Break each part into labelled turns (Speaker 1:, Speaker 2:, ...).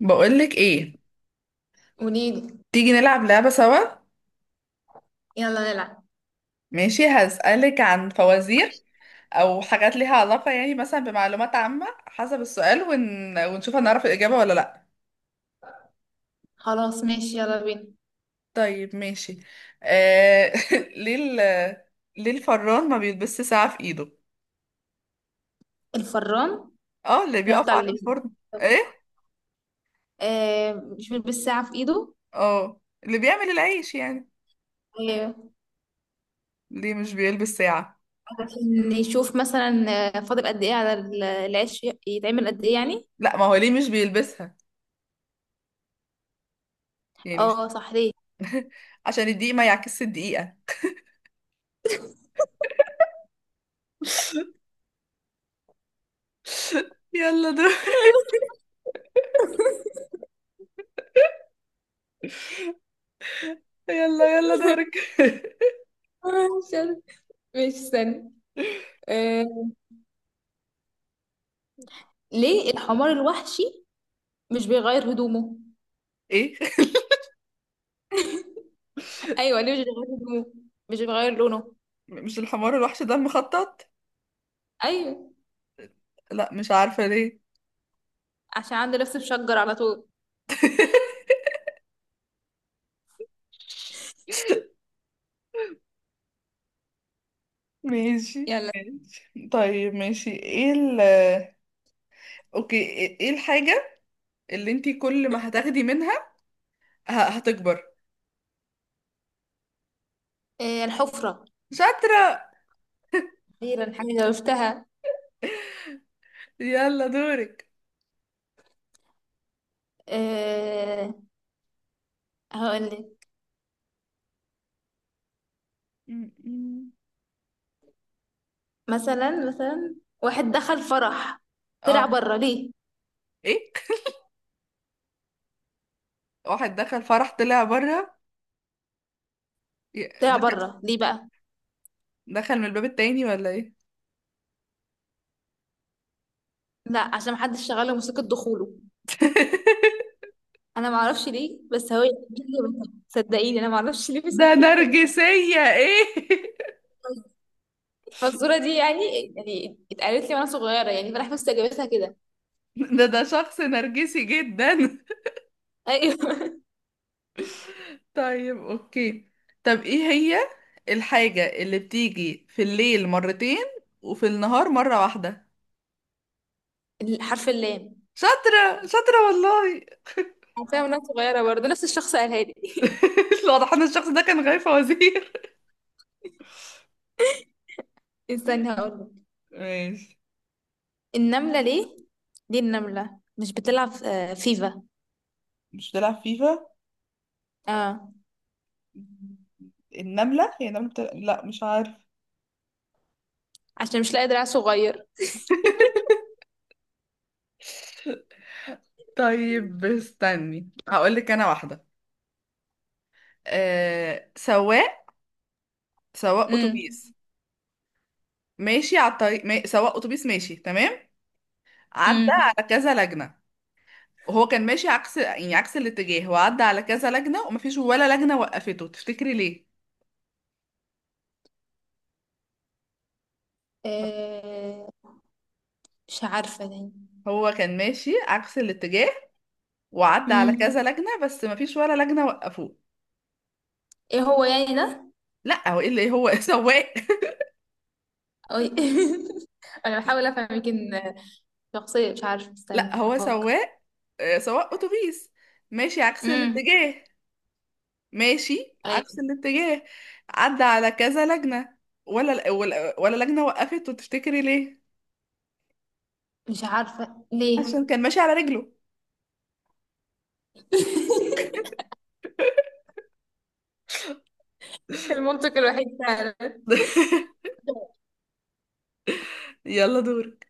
Speaker 1: بقولك ايه؟
Speaker 2: قوليلي.
Speaker 1: تيجي نلعب لعبة سوا.
Speaker 2: يلا نلعب.
Speaker 1: ماشي، هسألك عن فوازير او حاجات ليها علاقة يعني مثلا بمعلومات عامة حسب السؤال ونشوف هنعرف الإجابة ولا لا.
Speaker 2: خلاص ماشي يلا بينا.
Speaker 1: طيب ماشي. آه... ليه ال... ليه الفران ما بيلبسش ساعة في ايده؟
Speaker 2: الفران اللي
Speaker 1: اه، اللي
Speaker 2: هو
Speaker 1: بيقف
Speaker 2: بتاع
Speaker 1: على
Speaker 2: الليزر.
Speaker 1: الفرن. ايه.
Speaker 2: آه مش بالساعة في ايده.
Speaker 1: اه، اللي بيعمل العيش يعني.
Speaker 2: آه
Speaker 1: ليه مش بيلبس ساعة؟
Speaker 2: عشان يشوف مثلا آه، فاضل قد ايه على العيش يتعمل قد ايه يعني.
Speaker 1: لا، ما هو ليه مش بيلبسها؟ يعني مش...
Speaker 2: اه صح ليه.
Speaker 1: عشان الدقيقة ما يعكسش الدقيقة. يلا دور. يلا يلا دورك.
Speaker 2: مش عارف. ماشي استنى. آه ليه الحمار الوحشي مش بيغير هدومه؟
Speaker 1: ايه؟
Speaker 2: ايوه ليه مش بيغير هدومه؟ مش بيغير لونه.
Speaker 1: مش الحمار الوحش ده المخطط؟
Speaker 2: ايوه.
Speaker 1: لا مش عارفة ليه.
Speaker 2: عشان عنده لبس مشجر على طول.
Speaker 1: ماشي
Speaker 2: يلا.
Speaker 1: ماشي، طيب ماشي، ايه ال... اوكي، ايه إيه الحاجة اللي انتي كل ما هتاخدي منها هتكبر؟
Speaker 2: آه الحفرة.
Speaker 1: شاطرة.
Speaker 2: أخيرا حاجة عرفتها.
Speaker 1: يلا دورك.
Speaker 2: أه هقولك.
Speaker 1: م.
Speaker 2: مثلا واحد دخل فرح طلع
Speaker 1: اه،
Speaker 2: بره ليه.
Speaker 1: ايه؟ واحد دخل فرح طلع بره،
Speaker 2: طلع
Speaker 1: دخل
Speaker 2: بره ليه بقى.
Speaker 1: دخل من الباب التاني ولا ايه؟
Speaker 2: لا عشان محدش شغال له موسيقى دخوله. انا معرفش ليه بس هو جابتها. صدقيني انا معرفش ليه بس
Speaker 1: ده
Speaker 2: هي جابتها
Speaker 1: نرجسية ايه؟
Speaker 2: الفزوره دي يعني. يعني اتقالت لي وانا صغيره يعني، فانا بس جابتها كده.
Speaker 1: ده ده شخص نرجسي جدا.
Speaker 2: ايوه.
Speaker 1: طيب اوكي، طب ايه هي الحاجة اللي بتيجي في الليل مرتين وفي النهار مرة واحدة؟
Speaker 2: حرف اللام.
Speaker 1: شاطرة شاطرة والله.
Speaker 2: عارفاها وانا صغيره برضه نفس الشخص قالها لي.
Speaker 1: واضح ان الشخص ده كان غايب فوازير.
Speaker 2: استني هقولك.
Speaker 1: ماشي.
Speaker 2: النمله ليه، ليه النمله مش بتلعب آه، فيفا؟
Speaker 1: مش بتلعب فيفا؟
Speaker 2: اه
Speaker 1: النملة هي النملة بتلعب... لا مش عارف.
Speaker 2: عشان مش لاقي دراع صغير.
Speaker 1: طيب استني هقول لك انا واحدة. سواق، سواق
Speaker 2: امم
Speaker 1: اتوبيس ماشي على الطريق ما... سواق اتوبيس ماشي تمام، عدى
Speaker 2: امم
Speaker 1: على كذا لجنة، وهو كان ماشي عكس يعني عكس الاتجاه، وعدى على كذا لجنة، ومفيش ولا لجنة وقفته. تفتكري ليه؟
Speaker 2: آه مش عارفة يعني.
Speaker 1: هو كان ماشي عكس الاتجاه وعدى على
Speaker 2: امم
Speaker 1: كذا لجنة بس مفيش ولا لجنة وقفوه.
Speaker 2: ايه هو يعني ده؟
Speaker 1: لا هو ايه اللي هو سواق.
Speaker 2: أو- انا بحاول افهم، يمكن شخصية، مش عارفة
Speaker 1: لا
Speaker 2: استني
Speaker 1: هو
Speaker 2: افكر.
Speaker 1: سواق، آه، سواق اتوبيس ماشي عكس
Speaker 2: امم
Speaker 1: الاتجاه، ماشي
Speaker 2: أي.
Speaker 1: عكس الاتجاه، عدى على كذا لجنة ولا لجنة وقفته. تفتكري ليه؟
Speaker 2: مش عارفة ليه.
Speaker 1: عشان كان ماشي على رجله.
Speaker 2: المنطق الوحيد فعلا.
Speaker 1: يلا دورك.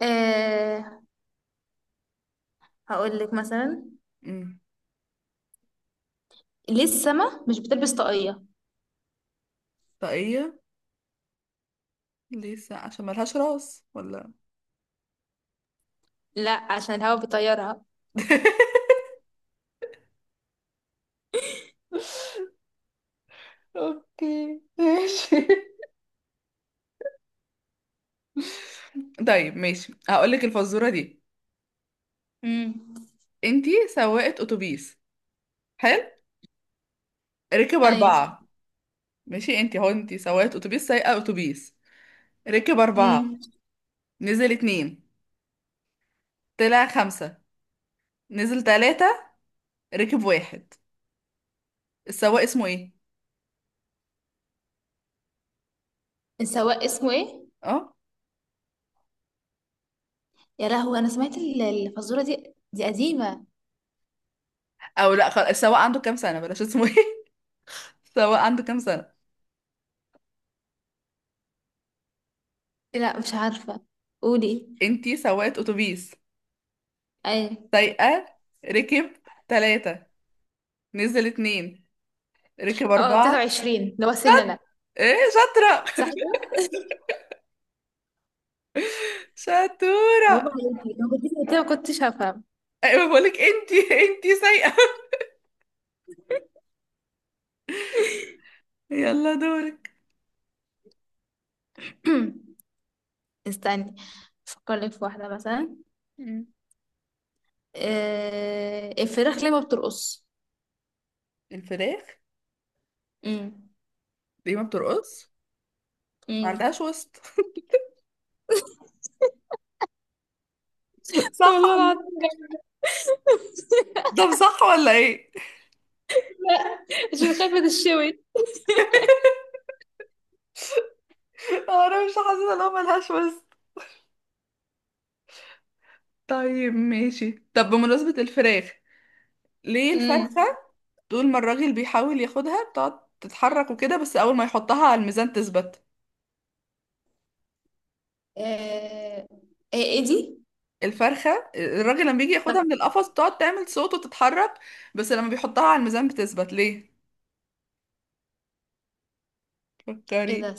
Speaker 2: آه هقول لك مثلا
Speaker 1: مم.
Speaker 2: ليه السما مش بتلبس طاقية؟
Speaker 1: طاقية؟ ليه الساعة عشان ملهاش راس ولا؟
Speaker 2: لا عشان الهوا بيطيرها.
Speaker 1: اوكي ماشي. طيب ماشي هقولك الفزورة دي.
Speaker 2: امم
Speaker 1: انتي سواقة اتوبيس، حلو، ركب
Speaker 2: ايوه.
Speaker 1: اربعة. ماشي، انتي هو انتي سواقة اتوبيس، سايقة اتوبيس، ركب اربعة،
Speaker 2: امم
Speaker 1: نزل اتنين، طلع خمسة، نزل تلاتة، ركب واحد. السواق اسمه ايه؟
Speaker 2: السواق اسمه ايه؟
Speaker 1: اه.
Speaker 2: يا لهوي، انا سمعت الفزوره دي، دي قديمه.
Speaker 1: او لا السواق عنده كام سنة، بلاش اسمه ايه. السواق عنده كام سنة؟
Speaker 2: إيه لا مش عارفه. قولي.
Speaker 1: انتي سواقة اتوبيس،
Speaker 2: اي.
Speaker 1: سايقة، ركب تلاتة، نزل اتنين، ركب
Speaker 2: اه
Speaker 1: أربعة.
Speaker 2: 23 ده هو سننا.
Speaker 1: ايه شاطرة.
Speaker 2: صح كده. برافو
Speaker 1: شطورة.
Speaker 2: عليكي، لو كنت قلت كده ما كنتش هفهم.
Speaker 1: ايوه، بقولك انتي، انتي سايقة. يلا دورك.
Speaker 2: استني افكر لك في واحده مثلا.
Speaker 1: مم.
Speaker 2: آه... الفراخ ليه ما بترقص؟
Speaker 1: الفراخ
Speaker 2: امم
Speaker 1: ليه ما بترقص؟ ما
Speaker 2: امم
Speaker 1: عندهاش وسط.
Speaker 2: والله
Speaker 1: صح ولا؟
Speaker 2: العظيم جميلة.
Speaker 1: طب صح ولا ايه؟
Speaker 2: عشان خايفه تشوي.
Speaker 1: انا مش حاسة ان هو ملهاش وسط. طيب ماشي، طب بمناسبة الفراخ، ليه الفرخة
Speaker 2: امم
Speaker 1: طول ما الراجل بيحاول ياخدها بتقعد تتحرك وكده، بس اول ما يحطها على الميزان تثبت؟
Speaker 2: آه... ايه إيه دي؟
Speaker 1: الفرخة الراجل لما بيجي
Speaker 2: طيب،
Speaker 1: ياخدها من القفص بتقعد تعمل صوت وتتحرك، بس لما بيحطها على الميزان بتثبت ليه؟
Speaker 2: ايه
Speaker 1: فكري.
Speaker 2: ده؟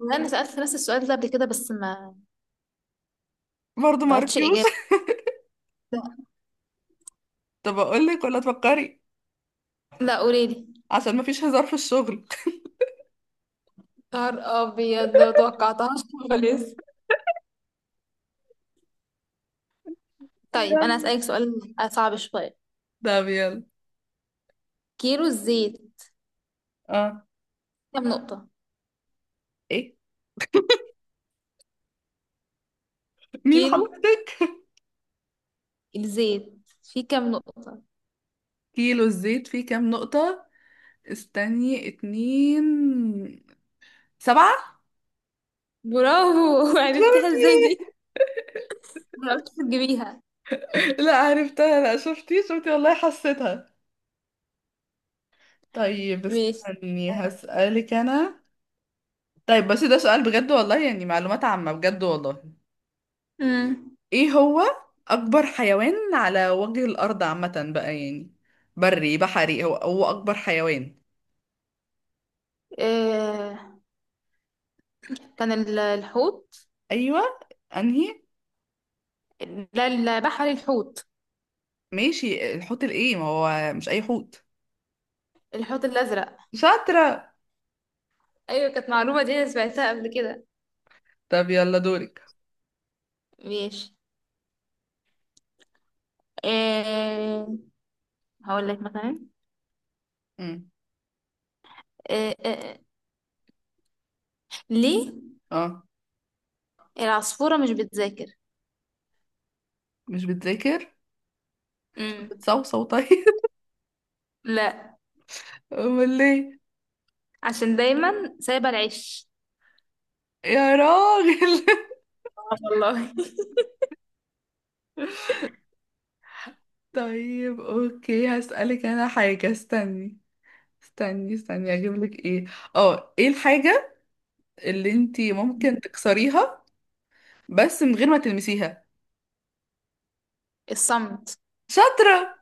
Speaker 2: والله انا سألت نفس السؤال ده قبل كده بس ما،
Speaker 1: برضه
Speaker 2: ما
Speaker 1: ما
Speaker 2: عرفتش
Speaker 1: عرفتيوش.
Speaker 2: الإجابة.
Speaker 1: طب اقول لك ولا تفكري؟
Speaker 2: لا قوليلي.
Speaker 1: عشان ما فيش هزار في الشغل.
Speaker 2: نهار ابيض ما توقعتهاش خالص. طيب
Speaker 1: يلا.
Speaker 2: انا هسألك سؤال صعب شوية.
Speaker 1: طب يلا.
Speaker 2: كيلو الزيت
Speaker 1: اه.
Speaker 2: كام نقطة؟
Speaker 1: ايه، مين
Speaker 2: كيلو
Speaker 1: حضرتك؟
Speaker 2: الزيت فيه كام نقطة؟
Speaker 1: كيلو الزيت فيه كام نقطة؟ استني. اتنين. سبعة.
Speaker 2: برافو. عرفتيها ازاي
Speaker 1: شفتي؟
Speaker 2: دي؟ عرفت تجيبيها.
Speaker 1: لا عرفتها، لا شفتي شفتي والله حسيتها. طيب
Speaker 2: ماشي.
Speaker 1: استني هسألك انا. طيب بس ده سؤال بجد والله، يعني معلومات عامة بجد والله.
Speaker 2: امم
Speaker 1: ايه هو اكبر حيوان على وجه الارض؟ عامة بقى يعني، بري بحري، هو هو اكبر حيوان.
Speaker 2: آه كان الحوت.
Speaker 1: ايوه. انهي؟
Speaker 2: لا البحر الحوت.
Speaker 1: ماشي الحوت الايه، ما هو مش اي حوت.
Speaker 2: الحوت الأزرق.
Speaker 1: شاطرة.
Speaker 2: أيوة، كانت معلومة دي أنا سمعتها قبل كده.
Speaker 1: طب يلا دورك.
Speaker 2: ماشي. آه هقول لك مثلا.
Speaker 1: امم
Speaker 2: آه آه آه. ليه
Speaker 1: اه،
Speaker 2: العصفورة مش بتذاكر؟
Speaker 1: مش بتذاكر؟
Speaker 2: امم
Speaker 1: بتصوصو طيب.
Speaker 2: لا
Speaker 1: امال ليه؟
Speaker 2: عشان دايما سايبة العش.
Speaker 1: يا راجل.
Speaker 2: آه والله.
Speaker 1: طيب اوكي هسألك انا حاجة، استني استني استني اجيب لك ايه. اه، ايه الحاجة اللي انتي ممكن تكسريها بس من غير ما تلمسيها؟
Speaker 2: الصمت.
Speaker 1: شاطرة.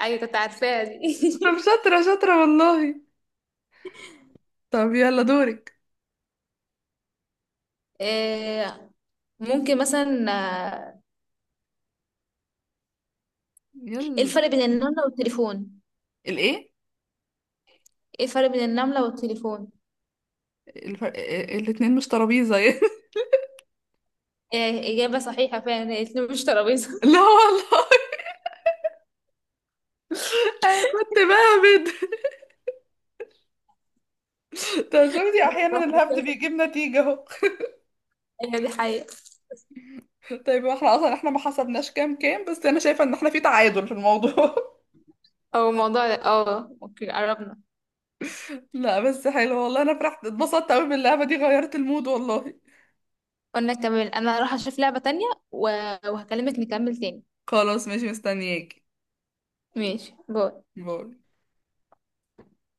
Speaker 2: ايوه كنت عارفاها دي.
Speaker 1: طب شاطرة شاطرة والله. طب يلا دورك.
Speaker 2: آه ممكن مثلا آه، ايه
Speaker 1: يلا.
Speaker 2: الفرق بين النملة والتليفون؟
Speaker 1: الايه؟
Speaker 2: ايه الفرق بين النملة والتليفون؟
Speaker 1: الفرق... الاتنين مش ترابيزة يعني.
Speaker 2: إيه، إجابة صحيحة فعلا. هي الاتنين مش ترابيزة.
Speaker 1: لا والله انا كنت بهبد. طب شفتي احيانا الهبد بيجيب نتيجة اهو.
Speaker 2: هي دي حقيقة.
Speaker 1: طيب احنا اصلا احنا ما حسبناش كام كام، بس انا شايفة ان احنا في تعادل في الموضوع.
Speaker 2: أو الموضوع ده اه اوكي قربنا.
Speaker 1: لا بس حلو والله، انا فرحت اتبسطت قوي باللعبة دي، غيرت المود والله.
Speaker 2: قلنا كمان انا هروح اشوف لعبة تانية و- وهكلمك نكمل تاني.
Speaker 1: خلاص ماشي مستنياكي.
Speaker 2: ماشي، باي.
Speaker 1: باي.